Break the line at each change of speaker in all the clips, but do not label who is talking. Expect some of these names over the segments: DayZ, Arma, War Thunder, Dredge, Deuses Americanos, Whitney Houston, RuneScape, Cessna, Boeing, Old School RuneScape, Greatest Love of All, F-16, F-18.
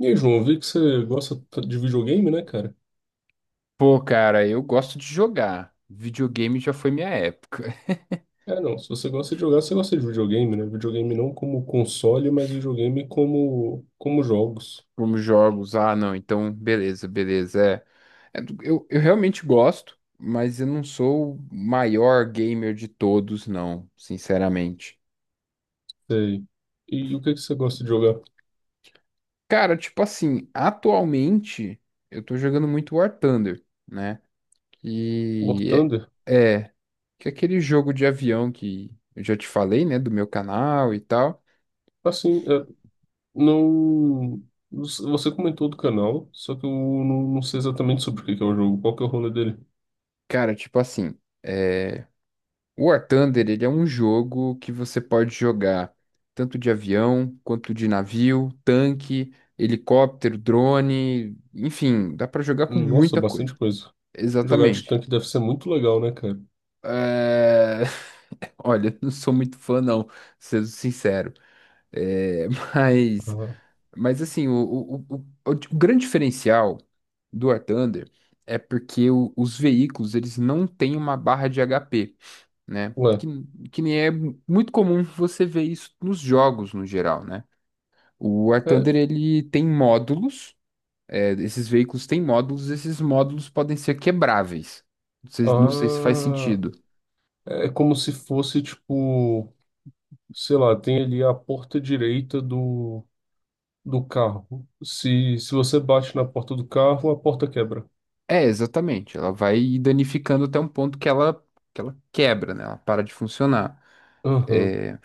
E aí, João, eu vi que você gosta de videogame, né, cara?
Pô, cara, eu gosto de jogar. Videogame já foi minha época.
É, não, se você gosta de jogar, você gosta de videogame, né? Videogame não como console, mas videogame como jogos.
Como jogos, ah, não, então beleza, beleza. É, eu realmente gosto, mas eu não sou o maior gamer de todos, não, sinceramente.
Sei. O que é que você gosta de jogar?
Cara, tipo assim, atualmente eu tô jogando muito War Thunder, né?
War
Que
Thunder?
é, é, que é aquele jogo de avião que eu já te falei, né, do meu canal e tal.
Assim, é, não... Você comentou do canal, só que eu não sei exatamente sobre o que que é o jogo. Qual que é o rolê dele?
Cara, tipo assim. é, O War Thunder, ele é um jogo que você pode jogar tanto de avião, quanto de navio, tanque, helicóptero, drone, enfim, dá pra jogar com
Nossa,
muita coisa.
bastante coisa. Jogar de
Exatamente.
tanque deve ser muito legal, né, cara?
É, olha, não sou muito fã não, sendo sincero. É, Mas,
Ah,
mas assim, o grande diferencial do War Thunder é porque os veículos, eles não têm uma barra de HP. Né?
ué.
Que nem é muito comum você ver isso nos jogos no geral, né? O War
É,
Thunder, ele tem módulos, esses veículos têm módulos, esses módulos podem ser quebráveis. Não sei, não sei se faz
ah,
sentido.
é como se fosse, tipo... sei lá, tem ali a porta direita do carro. Se você bate na porta do carro, a porta quebra.
É, exatamente, ela vai danificando até um ponto que ela quebra, né? Ela para de funcionar.
Aham.
É,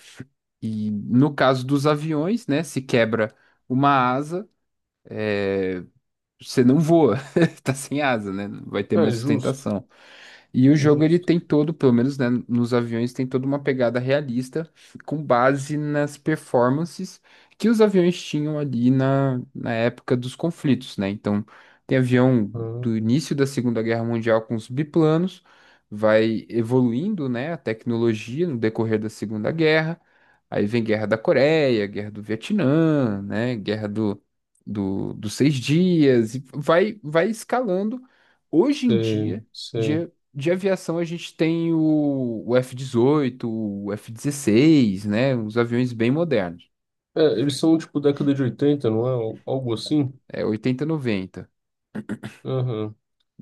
e no caso dos aviões, né, se quebra uma asa, é, você não voa, tá sem asa, né? Não vai ter mais
É, justo,
sustentação. E o jogo ele
justo.
tem todo, pelo menos, né, nos aviões tem toda uma pegada realista com base nas performances que os aviões tinham ali na época dos conflitos, né? Então, tem avião do
Ah,
início da Segunda Guerra Mundial com os biplanos, vai evoluindo, né, a tecnologia no decorrer da Segunda Guerra. Aí vem Guerra da Coreia, Guerra do Vietnã, né? Guerra dos Seis Dias, e vai escalando. Hoje em
sei,
dia,
sei.
de aviação, a gente tem o F-18, o F-16, né? Os aviões bem modernos.
É, eles são tipo década de 80 não é? Algo assim?
É oitenta, noventa,
Aham.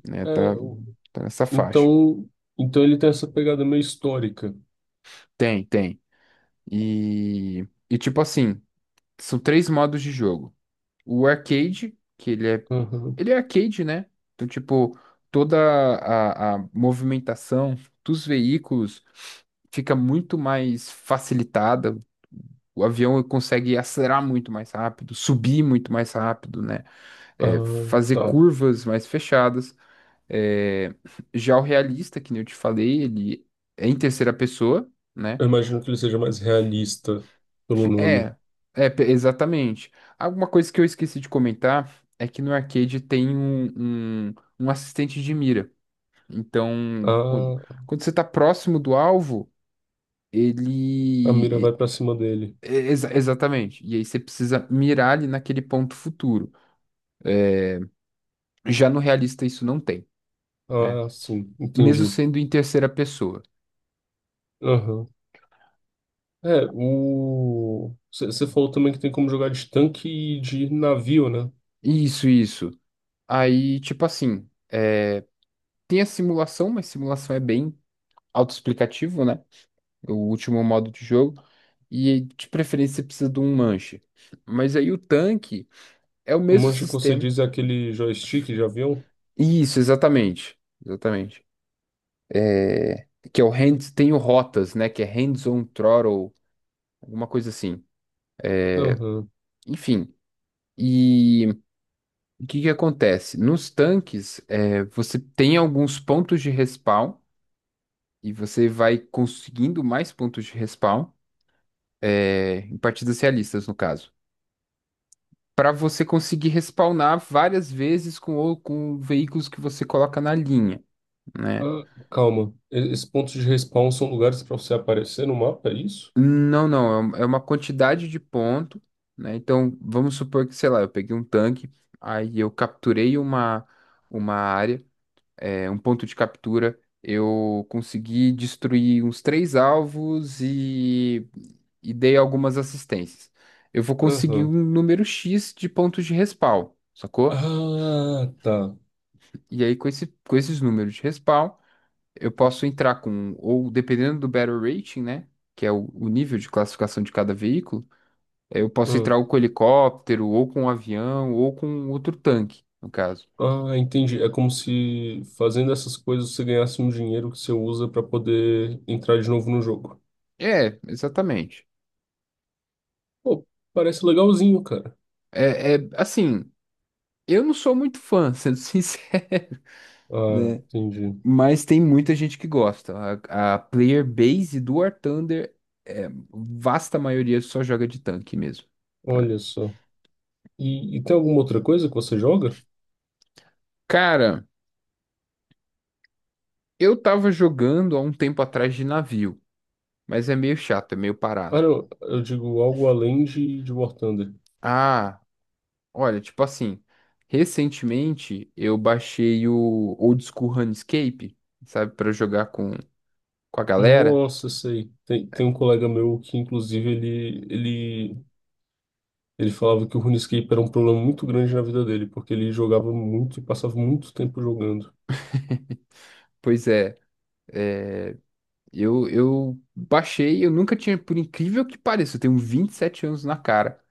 né?
É,
Tá,
o-
tá nessa faixa.
então, então ele tem essa pegada meio histórica.
Tem, tem. E tipo assim, são três modos de jogo. O arcade, que
Aham.
ele é arcade, né? Então, tipo, toda a movimentação dos veículos fica muito mais facilitada. O avião consegue acelerar muito mais rápido, subir muito mais rápido, né? É,
Ah,
fazer
tá.
curvas mais fechadas. É, já o realista, que nem eu te falei, ele é em terceira pessoa, né?
Eu imagino que ele seja mais realista pelo nome.
É, é, exatamente. Alguma coisa que eu esqueci de comentar é que no arcade tem um assistente de mira. Então,
Ah,
quando você tá próximo do alvo,
a mira
ele.
vai
e-
pra cima dele.
exatamente. E aí você precisa mirar ali naquele ponto futuro. Já no realista isso não tem, né?
Ah, sim,
Mesmo
entendi.
sendo em terceira pessoa.
Aham. É, o. Você falou também que tem como jogar de tanque e de navio, né?
Isso, isso. Aí, tipo assim. Tem a simulação, mas simulação é bem autoexplicativo, né? O último modo de jogo. E de preferência você precisa de um manche. Mas aí o tanque é o
O
mesmo
manche que você
sistema.
diz é aquele joystick de avião?
Isso, exatamente. Exatamente. Que é o hands, tem o rotas, né? Que é hands-on throttle, alguma coisa assim.
Aham.
Enfim. E o que que acontece? Nos tanques, você tem alguns pontos de respawn e você vai conseguindo mais pontos de respawn, em partidas realistas, no caso, para você conseguir respawnar várias vezes com, com veículos que você coloca na linha. Né?
Ah, calma. Esses pontos de respawn são lugares para você aparecer no mapa, é isso?
Não, não, é uma quantidade de ponto, né? Então, vamos supor que, sei lá, eu peguei um tanque, aí eu capturei uma área, um ponto de captura, eu consegui destruir uns três alvos e dei algumas assistências. Eu vou conseguir um
Aham.
número X de pontos de respawn, sacou?
Ah, tá.
E aí, com esses números de respawn, eu posso entrar ou dependendo do Battle Rating, né? Que é o nível de classificação de cada veículo. Eu posso
Ah,
entrar ou com helicóptero, ou com um avião, ou com outro tanque, no caso.
ah, entendi. É como se fazendo essas coisas você ganhasse um dinheiro que você usa para poder entrar de novo no jogo.
É, exatamente.
Pô, parece legalzinho, cara.
É, é assim, eu não sou muito fã, sendo sincero,
Ah,
né?
entendi.
Mas tem muita gente que gosta. A player base do War Thunder, vasta maioria só joga de tanque mesmo, né?
Olha só. E tem alguma outra coisa que você joga?
Cara, eu tava jogando há um tempo atrás de navio, mas é meio chato, é meio
Ah,
parado.
não, eu digo algo além de War Thunder.
Ah, olha, tipo assim, recentemente eu baixei o Old School RuneScape, sabe, pra jogar com a galera.
Nossa, sei. Tem um colega meu que, inclusive, ele falava que o RuneScape era um problema muito grande na vida dele, porque ele jogava muito e passava muito tempo jogando.
Pois é, eu baixei, eu nunca tinha, por incrível que pareça, eu tenho 27 anos na cara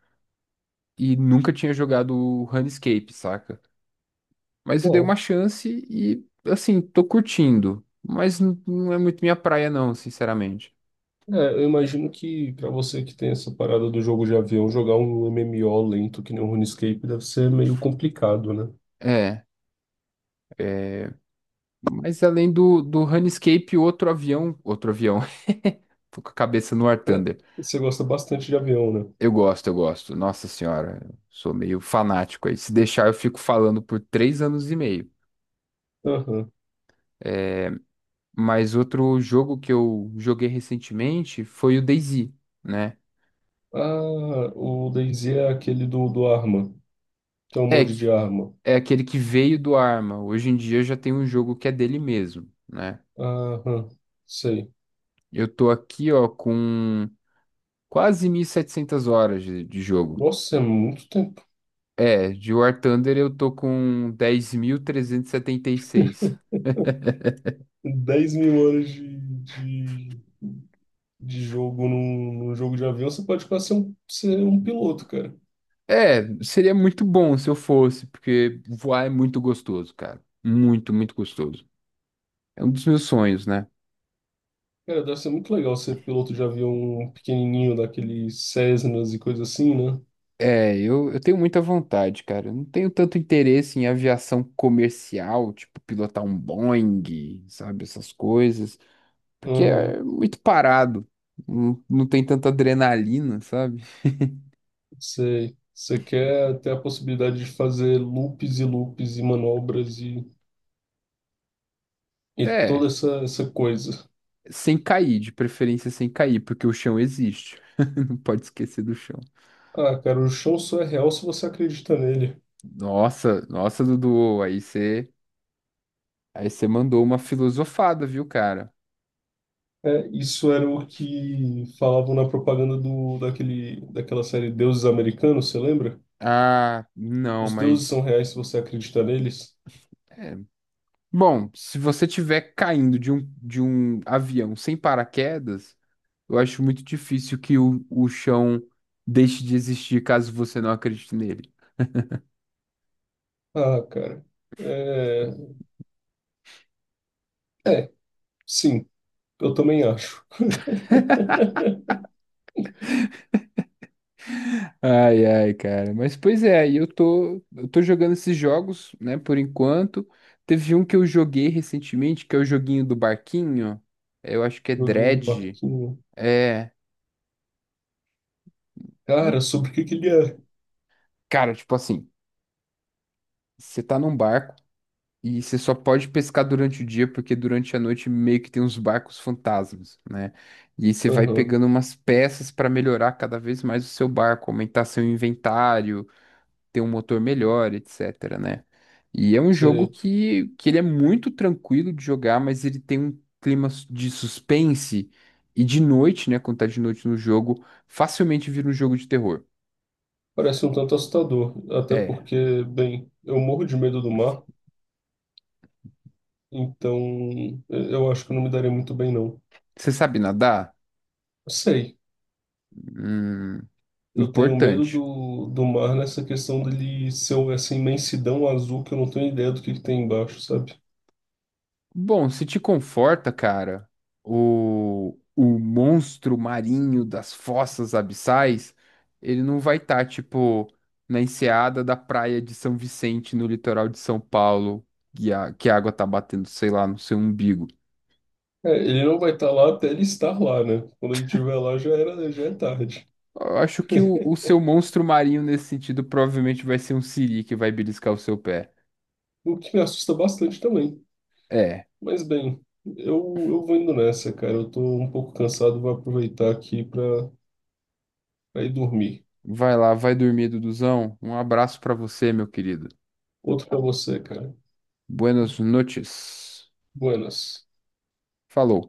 e nunca tinha jogado o RuneScape, saca? Mas eu dei uma
Uau.
chance e, assim, tô curtindo, mas não é muito minha praia não, sinceramente.
É, eu imagino que, pra você que tem essa parada do jogo de avião, jogar um MMO lento que nem o RuneScape deve ser meio complicado, né?
É. É. Mas além do Runescape, outro avião. Outro avião. Tô com a cabeça no War
É,
Thunder.
você gosta bastante de avião, né?
Eu gosto, eu gosto. Nossa senhora, eu sou meio fanático aí. Se deixar, eu fico falando por 3 anos e meio.
Aham.
Mas outro jogo que eu joguei recentemente foi o DayZ, né?
Ah, o DayZ é aquele do Arma, que é um
É,
mod de arma.
é aquele que veio do Arma. Hoje em dia já tem um jogo que é dele mesmo, né?
Aham, sei.
Eu tô aqui, ó, com quase 1.700 horas de jogo.
Nossa, é muito tempo.
É, de War Thunder eu tô com dez mil trezentos e setenta e seis.
10.000 horas de, de jogo num jogo de avião, você pode quase ser um piloto, cara.
É, seria muito bom se eu fosse, porque voar é muito gostoso, cara. Muito, muito gostoso. É um dos meus sonhos, né?
Cara, deve ser muito legal ser piloto de avião pequenininho, daqueles Cessnas e coisa assim, né?
É, eu tenho muita vontade, cara. Eu não tenho tanto interesse em aviação comercial, tipo pilotar um Boeing, sabe, essas coisas, porque
Aham,
é muito parado. Não, não tem tanta adrenalina, sabe?
sei. Você quer ter a possibilidade de fazer loops e loops e manobras e toda
É.
essa coisa.
Sem cair, de preferência sem cair, porque o chão existe. Não pode esquecer do chão.
Ah, cara, o chão só é real se você acredita nele.
Nossa, nossa, Dudu, aí você mandou uma filosofada, viu, cara?
É, isso era o que falavam na propaganda do, daquele, daquela série Deuses Americanos, você lembra?
Ah, não,
Os deuses
mas
são reais se você acredita neles?
é. Bom, se você tiver caindo de um avião sem paraquedas, eu acho muito difícil que o chão deixe de existir caso você não acredite nele.
Ah, cara. É, é, sim, eu também acho.
Ai, ai, cara. Mas pois é, aí eu tô jogando esses jogos, né, por enquanto. Teve um que eu joguei recentemente, que é o joguinho do barquinho. Eu acho que é
Joguinho do
Dredge.
barquinho.
É,
Cara,
muito,
sobre o que que ele é?
cara, tipo assim, você tá num barco e você só pode pescar durante o dia, porque durante a noite meio que tem uns barcos fantasmas, né? E aí você vai
Aham,
pegando umas peças pra melhorar cada vez mais o seu barco, aumentar seu inventário, ter um motor melhor, etc., né? E é um jogo
sei.
que ele é muito tranquilo de jogar, mas ele tem um clima de suspense e de noite, né? Quando tá de noite no jogo, facilmente vira um jogo de terror.
Parece um tanto assustador. Até
É.
porque, bem, eu morro de medo do mar, então eu acho que eu não me daria muito bem, não.
Você sabe nadar?
Sei.
Hum,
Eu tenho medo
importante.
do mar nessa questão dele ser um, essa imensidão azul que eu não tenho ideia do que tem embaixo, sabe?
Bom, se te conforta, cara, o monstro marinho das fossas abissais, ele não vai estar, tipo, na enseada da praia de São Vicente, no litoral de São Paulo, que a água tá batendo, sei lá, no seu umbigo.
É, ele não vai estar lá até ele estar lá, né? Quando ele estiver lá já era, já é tarde.
Eu acho que o seu monstro marinho, nesse sentido, provavelmente vai ser um siri que vai beliscar o seu pé.
O que me assusta bastante também.
É,
Mas bem, eu, eu vou indo nessa, cara. Eu tô um pouco cansado, vou aproveitar aqui pra ir dormir.
vai lá, vai dormir, Duduzão. Um abraço pra você, meu querido.
Outro pra você, cara.
Buenas noches.
Buenas.
Falou.